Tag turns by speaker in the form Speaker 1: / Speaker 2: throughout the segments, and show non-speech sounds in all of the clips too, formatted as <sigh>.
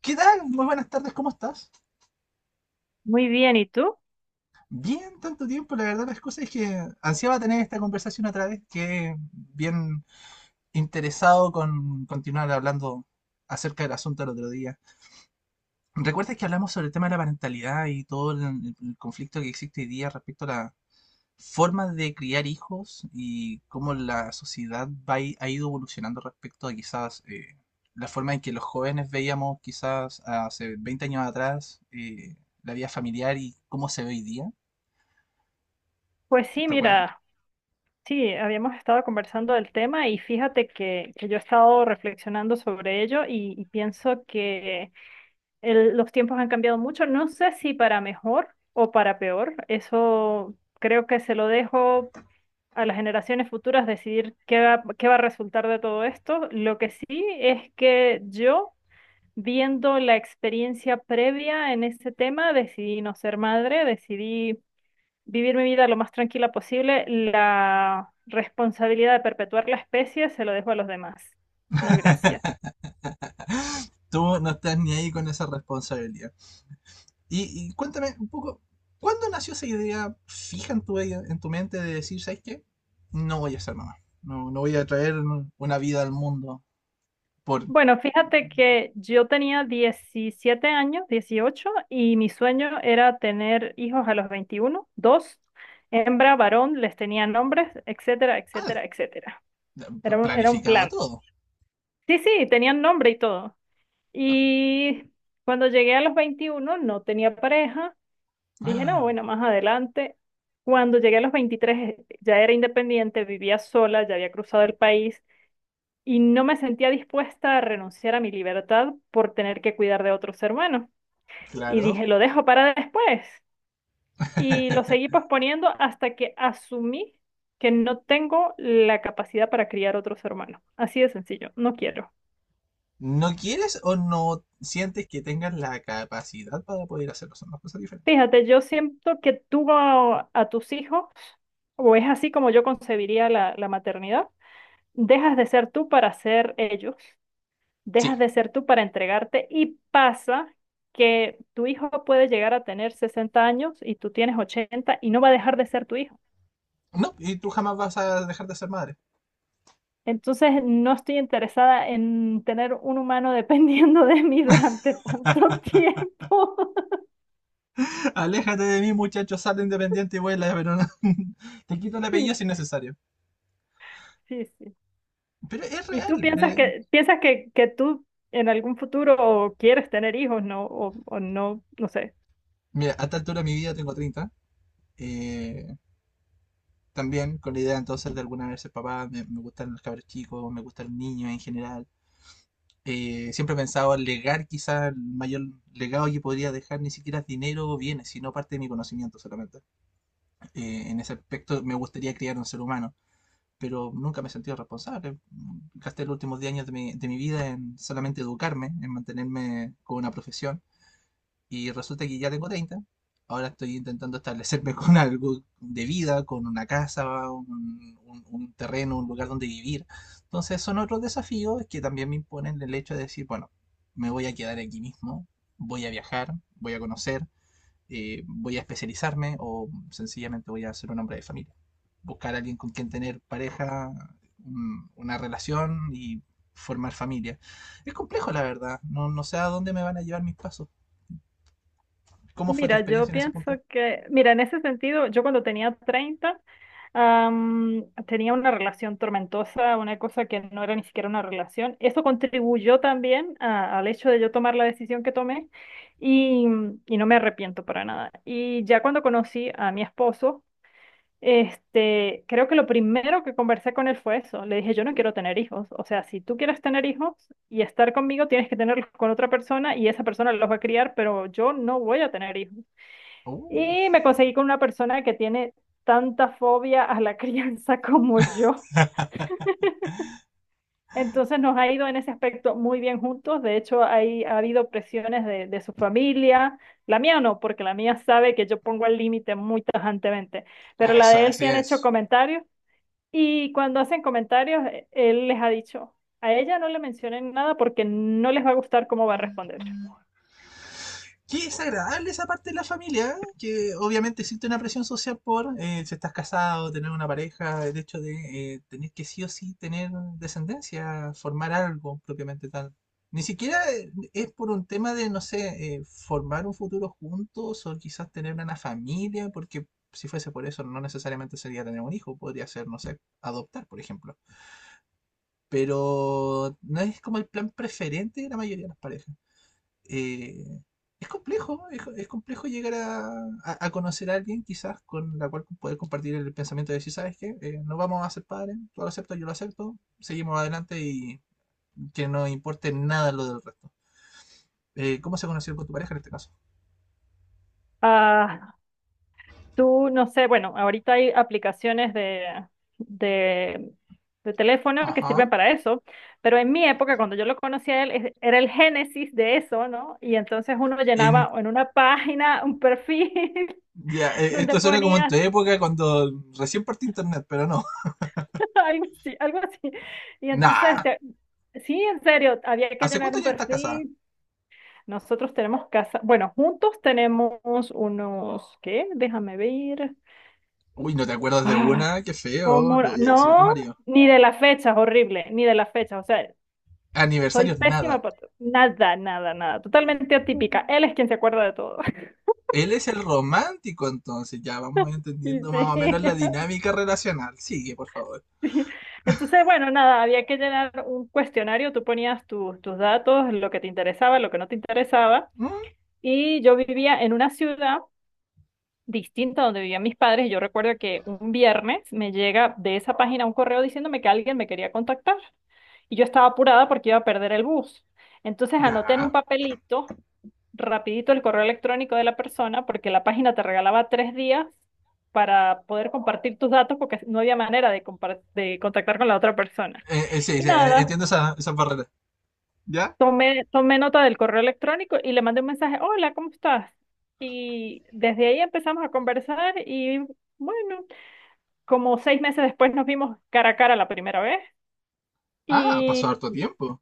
Speaker 1: ¿Qué tal? Muy buenas tardes, ¿cómo estás?
Speaker 2: Muy bien, ¿y tú?
Speaker 1: Bien, tanto tiempo. La verdad, las cosas es que ansiaba tener esta conversación otra vez, que bien interesado con continuar hablando acerca del asunto el otro día. ¿Recuerdas que hablamos sobre el tema de la parentalidad y todo el conflicto que existe hoy día respecto a la, formas de criar hijos y cómo la sociedad va, ha ido evolucionando respecto a quizás la forma en que los jóvenes veíamos quizás hace 20 años atrás, la vida familiar y cómo se ve hoy día,
Speaker 2: Pues sí,
Speaker 1: ¿recuerdas?
Speaker 2: mira, sí, habíamos estado conversando del tema y fíjate que yo he estado reflexionando sobre ello y pienso que los tiempos han cambiado mucho. No sé si para mejor o para peor. Eso creo que se lo dejo a las generaciones futuras decidir qué va a resultar de todo esto. Lo que sí es que yo, viendo la experiencia previa en ese tema, decidí no ser madre, decidí vivir mi vida lo más tranquila posible, la responsabilidad de perpetuar la especie se lo dejo a los demás. No, gracias.
Speaker 1: <laughs> Tú no estás ni ahí con esa responsabilidad. Y cuéntame un poco, ¿cuándo nació esa idea fija en en tu mente de decir, ¿sabes qué? No voy a ser mamá. No, no voy a traer una vida al mundo por...
Speaker 2: Bueno, fíjate que yo tenía 17 años, 18, y mi sueño era tener hijos a los 21, dos, hembra, varón, les tenían nombres, etcétera,
Speaker 1: Ah,
Speaker 2: etcétera, etcétera. Era un
Speaker 1: planificado
Speaker 2: plan.
Speaker 1: todo.
Speaker 2: Sí, sí, tenían nombre y todo. Y cuando llegué a los 21 no tenía pareja. Dije, no,
Speaker 1: Ah,
Speaker 2: bueno, más adelante. Cuando llegué a los 23, ya era independiente, vivía sola, ya había cruzado el país y no me sentía dispuesta a renunciar a mi libertad por tener que cuidar de otros hermanos. Y
Speaker 1: claro.
Speaker 2: dije, lo dejo para después. Y lo seguí
Speaker 1: <laughs>
Speaker 2: posponiendo hasta que asumí que no tengo la capacidad para criar otros hermanos. Así de sencillo, no quiero.
Speaker 1: ¿No quieres o no sientes que tengas la capacidad para poder hacerlo? Son dos cosas diferentes.
Speaker 2: Fíjate, yo siento que tú a tus hijos, o es así como yo concebiría la la maternidad, dejas de ser tú para ser ellos,
Speaker 1: Sí.
Speaker 2: dejas de ser tú para entregarte, y pasa que tu hijo puede llegar a tener 60 años y tú tienes 80 y no va a dejar de ser tu hijo.
Speaker 1: No, y tú jamás vas a dejar de ser madre.
Speaker 2: Entonces, no estoy interesada en tener un humano <laughs> dependiendo de mí durante tanto tiempo. <laughs>
Speaker 1: <laughs> Aléjate de mí, muchacho, sal independiente y vuela, pero no. <laughs> Te quito el apellido
Speaker 2: Sí,
Speaker 1: si es necesario.
Speaker 2: sí, sí.
Speaker 1: Pero es
Speaker 2: ¿Y
Speaker 1: real.
Speaker 2: tú piensas que tú en algún futuro quieres tener hijos, no? O no, no sé.
Speaker 1: Mira, a esta altura de mi vida tengo 30. eh, También con la idea entonces de alguna vez ser papá, me gustan los cabros chicos, me gusta el niño en general. Siempre he pensado en legar, quizás el mayor legado que podría dejar ni siquiera es dinero o bienes, sino parte de mi conocimiento solamente. En ese aspecto me gustaría criar un ser humano, pero nunca me he sentido responsable. Gasté los últimos 10 años de de mi vida en solamente educarme, en mantenerme con una profesión y resulta que ya tengo 30. Ahora estoy intentando establecerme <laughs> con algo de vida, con una casa, un terreno, un lugar donde vivir. Entonces son otros desafíos que también me imponen el hecho de decir, bueno, me voy a quedar aquí mismo, voy a viajar, voy a conocer, voy a especializarme o sencillamente voy a ser un hombre de familia. Buscar a alguien con quien tener pareja, una relación y formar familia. Es complejo, la verdad. No, no sé a dónde me van a llevar mis pasos. ¿Cómo fue tu
Speaker 2: Mira,
Speaker 1: experiencia
Speaker 2: yo
Speaker 1: en ese
Speaker 2: pienso
Speaker 1: punto?
Speaker 2: que, mira, en ese sentido, yo cuando tenía 30, tenía una relación tormentosa, una cosa que no era ni siquiera una relación. Eso contribuyó también al hecho de yo tomar la decisión que tomé y, y no me arrepiento para nada. Y ya cuando conocí a mi esposo, este, creo que lo primero que conversé con él fue eso. Le dije, yo no quiero tener hijos. O sea, si tú quieres tener hijos y estar conmigo, tienes que tenerlos con otra persona y esa persona los va a criar, pero yo no voy a tener hijos.
Speaker 1: Uh,
Speaker 2: Y me conseguí con una persona que tiene tanta fobia a la <laughs> crianza como yo. Entonces nos ha ido en ese aspecto muy bien juntos. De hecho, ha habido presiones de su familia. La mía no, porque la mía sabe que yo pongo el límite muy tajantemente. Pero la
Speaker 1: eso,
Speaker 2: de él sí
Speaker 1: así
Speaker 2: han hecho
Speaker 1: es.
Speaker 2: comentarios. Y cuando hacen comentarios, él les ha dicho, a ella no le mencionen nada porque no les va a gustar cómo va a responder.
Speaker 1: Qué desagradable esa parte de la familia, ¿eh? Que obviamente existe una presión social por, si estás casado, tener una pareja, el hecho de, tener que sí o sí tener descendencia, formar algo propiamente tal. Ni siquiera, es por un tema de, no sé, formar un futuro juntos o quizás tener una familia, porque si fuese por eso no necesariamente sería tener un hijo, podría ser, no sé, adoptar, por ejemplo. Pero no es como el plan preferente de la mayoría de las parejas. Eh, es complejo, es complejo llegar a, a conocer a alguien quizás con la cual poder compartir el pensamiento de decir, ¿sabes qué? No vamos a ser padres, tú lo aceptas, yo lo acepto, seguimos adelante y que no importe nada lo del resto. ¿Cómo se conoció con tu pareja en este caso?
Speaker 2: Ah, tú, no sé, bueno, ahorita hay aplicaciones de, de teléfono que
Speaker 1: Ajá.
Speaker 2: sirven para eso, pero en mi época, cuando yo lo conocí a él, era el génesis de eso, ¿no? Y entonces uno
Speaker 1: En,
Speaker 2: llenaba en una página un perfil
Speaker 1: ya,
Speaker 2: <laughs> donde
Speaker 1: esto suena como en tu
Speaker 2: ponía
Speaker 1: época cuando recién partí internet, pero no. <laughs>
Speaker 2: <laughs> algo así, algo así. Y entonces,
Speaker 1: Nah.
Speaker 2: este, sí, en serio, había que
Speaker 1: ¿Hace
Speaker 2: llenar
Speaker 1: cuántos
Speaker 2: un
Speaker 1: años estás casada?
Speaker 2: perfil. Nosotros tenemos casa, bueno, juntos tenemos unos, ¿qué? Déjame ver.
Speaker 1: Uy, ¿no te acuerdas de una? Qué feo,
Speaker 2: Como,
Speaker 1: le voy a decir a tu
Speaker 2: no,
Speaker 1: marido.
Speaker 2: ni de las fechas, horrible, ni de las fechas. O sea, soy
Speaker 1: Aniversarios,
Speaker 2: pésima
Speaker 1: nada.
Speaker 2: para nada, nada, nada. Totalmente atípica. Él es quien se acuerda de todo. <laughs>
Speaker 1: Él es el romántico, entonces ya vamos
Speaker 2: Y
Speaker 1: entendiendo más
Speaker 2: sí,
Speaker 1: o menos la dinámica relacional. Sigue, por favor.
Speaker 2: <laughs> sí. Entonces, bueno, nada, había que llenar un cuestionario. Tú ponías tus datos, lo que te interesaba, lo que no te interesaba.
Speaker 1: Mm.
Speaker 2: Y yo vivía en una ciudad distinta a donde vivían mis padres. Y yo recuerdo que un viernes me llega de esa página un correo diciéndome que alguien me quería contactar. Y yo estaba apurada porque iba a perder el bus. Entonces anoté en un
Speaker 1: Ya.
Speaker 2: papelito rapidito el correo electrónico de la persona porque la página te regalaba 3 días para poder compartir tus datos porque no había manera de contactar con la otra persona.
Speaker 1: Sí,
Speaker 2: Y
Speaker 1: sí,
Speaker 2: nada,
Speaker 1: entiendo esas barreras. ¿Ya?
Speaker 2: tomé nota del correo electrónico y le mandé un mensaje, hola, ¿cómo estás? Y desde ahí empezamos a conversar y bueno, como 6 meses después nos vimos cara a cara la primera vez.
Speaker 1: Ah, pasó harto tiempo.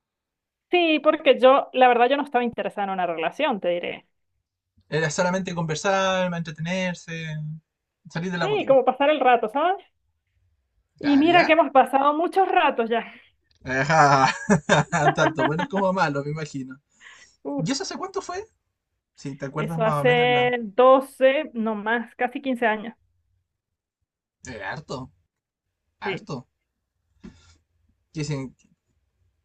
Speaker 2: Sí, porque yo, la verdad, yo no estaba interesada en una relación, te diré.
Speaker 1: Era solamente conversar, entretenerse, salir de la
Speaker 2: Sí,
Speaker 1: rutina.
Speaker 2: como pasar el rato, ¿sabes? Y
Speaker 1: Claro,
Speaker 2: mira que
Speaker 1: ¿ya?
Speaker 2: hemos pasado muchos ratos ya.
Speaker 1: Ajá. <laughs> Tanto buenos
Speaker 2: <laughs>
Speaker 1: como malos, me imagino.
Speaker 2: Uf,
Speaker 1: ¿Y eso hace cuánto fue? Si te acuerdas
Speaker 2: eso
Speaker 1: más o menos
Speaker 2: hace
Speaker 1: la...
Speaker 2: 12, no más, casi 15 años.
Speaker 1: Harto,
Speaker 2: Sí,
Speaker 1: harto. Que se-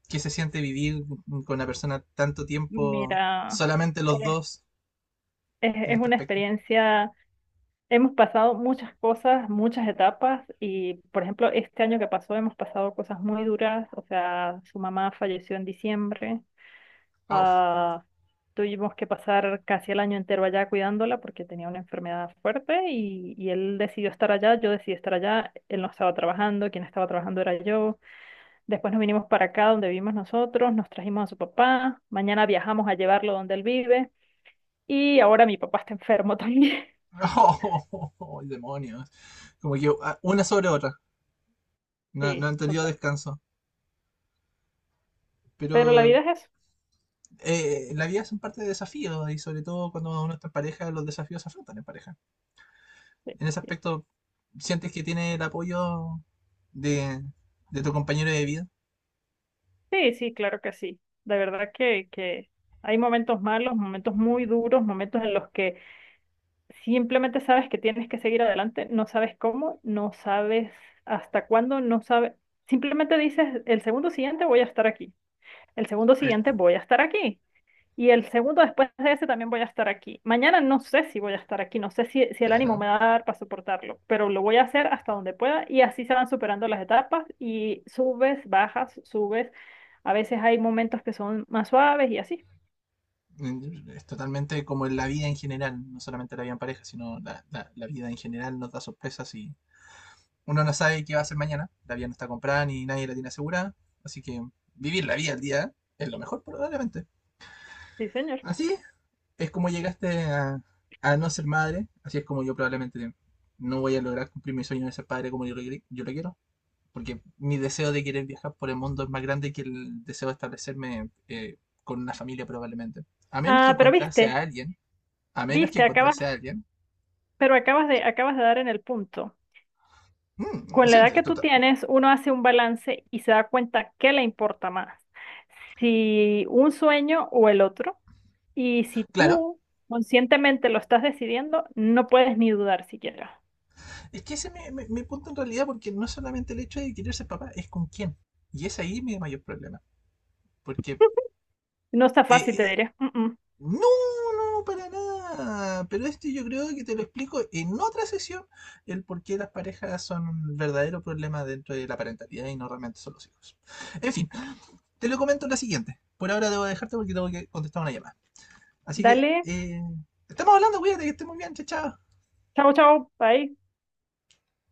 Speaker 1: Qué se siente vivir con una persona tanto tiempo,
Speaker 2: mira,
Speaker 1: solamente los
Speaker 2: eh,
Speaker 1: dos,
Speaker 2: es,
Speaker 1: en
Speaker 2: es
Speaker 1: este
Speaker 2: una
Speaker 1: aspecto.
Speaker 2: experiencia, hemos pasado muchas cosas, muchas etapas y, por ejemplo, este año que pasó hemos pasado cosas muy duras, o sea, su mamá falleció en diciembre.
Speaker 1: Au.
Speaker 2: Ah, tuvimos que pasar casi el año entero allá cuidándola porque tenía una enfermedad fuerte y él decidió estar allá, yo decidí estar allá, él no estaba trabajando, quien estaba trabajando era yo. Después nos vinimos para acá donde vivimos nosotros, nos trajimos a su papá, mañana viajamos a llevarlo donde él vive y ahora mi papá está enfermo <laughs> también.
Speaker 1: ¡Oh, oh, oh, oh, demonios! <laughs> Como que ah, una sobre otra. No, no
Speaker 2: Sí,
Speaker 1: han tenido
Speaker 2: total.
Speaker 1: descanso.
Speaker 2: Pero la
Speaker 1: Pero
Speaker 2: vida es eso.
Speaker 1: la vida es un parte de desafíos y sobre todo cuando uno está en pareja, los desafíos se afrontan en pareja.
Speaker 2: Sí,
Speaker 1: En ese
Speaker 2: así es.
Speaker 1: aspecto, ¿sientes que tiene el apoyo de, de tu compañero de vida?
Speaker 2: Sí, sí, claro que sí. De verdad que hay momentos malos, momentos muy duros, momentos en los que simplemente sabes que tienes que seguir adelante, no sabes cómo, no sabes hasta cuándo, no sabes. Simplemente dices, el segundo siguiente voy a estar aquí, el segundo siguiente voy a estar aquí y el segundo después de ese también voy a estar aquí. Mañana no sé si voy a estar aquí, no sé si, si el ánimo
Speaker 1: Claro.
Speaker 2: me va a dar para soportarlo, pero lo voy a hacer hasta donde pueda y así se van superando las etapas y subes, bajas, subes. A veces hay momentos que son más suaves y así.
Speaker 1: Mm, es totalmente como en la vida en general, no solamente la vida en pareja, sino la vida en general nos da sorpresas y uno no sabe qué va a hacer mañana. La vida no está comprada ni nadie la tiene asegurada. Así que vivir la vida al día es lo mejor probablemente.
Speaker 2: Sí, señor.
Speaker 1: Así es como llegaste a no ser madre. Así es como yo probablemente no voy a lograr cumplir mi sueño de ser padre como yo lo, yo lo quiero. Porque mi deseo de querer viajar por el mundo es más grande que el deseo de establecerme, con una familia probablemente. A menos que
Speaker 2: Ah, pero
Speaker 1: encontrase
Speaker 2: viste,
Speaker 1: a alguien, a menos que
Speaker 2: viste, acabas
Speaker 1: encontrase a alguien.
Speaker 2: Pero acabas de dar en el punto.
Speaker 1: Mm,
Speaker 2: Con la
Speaker 1: sí,
Speaker 2: edad que tú tienes, uno hace un balance y se da cuenta qué le importa más, si un sueño o el otro. Y si
Speaker 1: claro.
Speaker 2: tú conscientemente lo estás decidiendo, no puedes ni dudar siquiera.
Speaker 1: Es que ese es mi, mi punto en realidad, porque no es solamente el hecho de querer ser papá, es con quién. Y es ahí mi mayor problema. Porque.
Speaker 2: No está fácil, te
Speaker 1: eh,
Speaker 2: diré. Mm, mm.
Speaker 1: no, no, para nada. Pero esto yo creo que te lo explico en otra sesión, el por qué las parejas son un verdadero problema dentro de la parentalidad y no realmente son los hijos. En fin, te lo comento en la siguiente. Por ahora debo dejarte porque tengo que contestar una llamada. Así que,
Speaker 2: Dale,
Speaker 1: estamos hablando, cuídate, que estés muy bien, chao, chao.
Speaker 2: chao, chao, bye.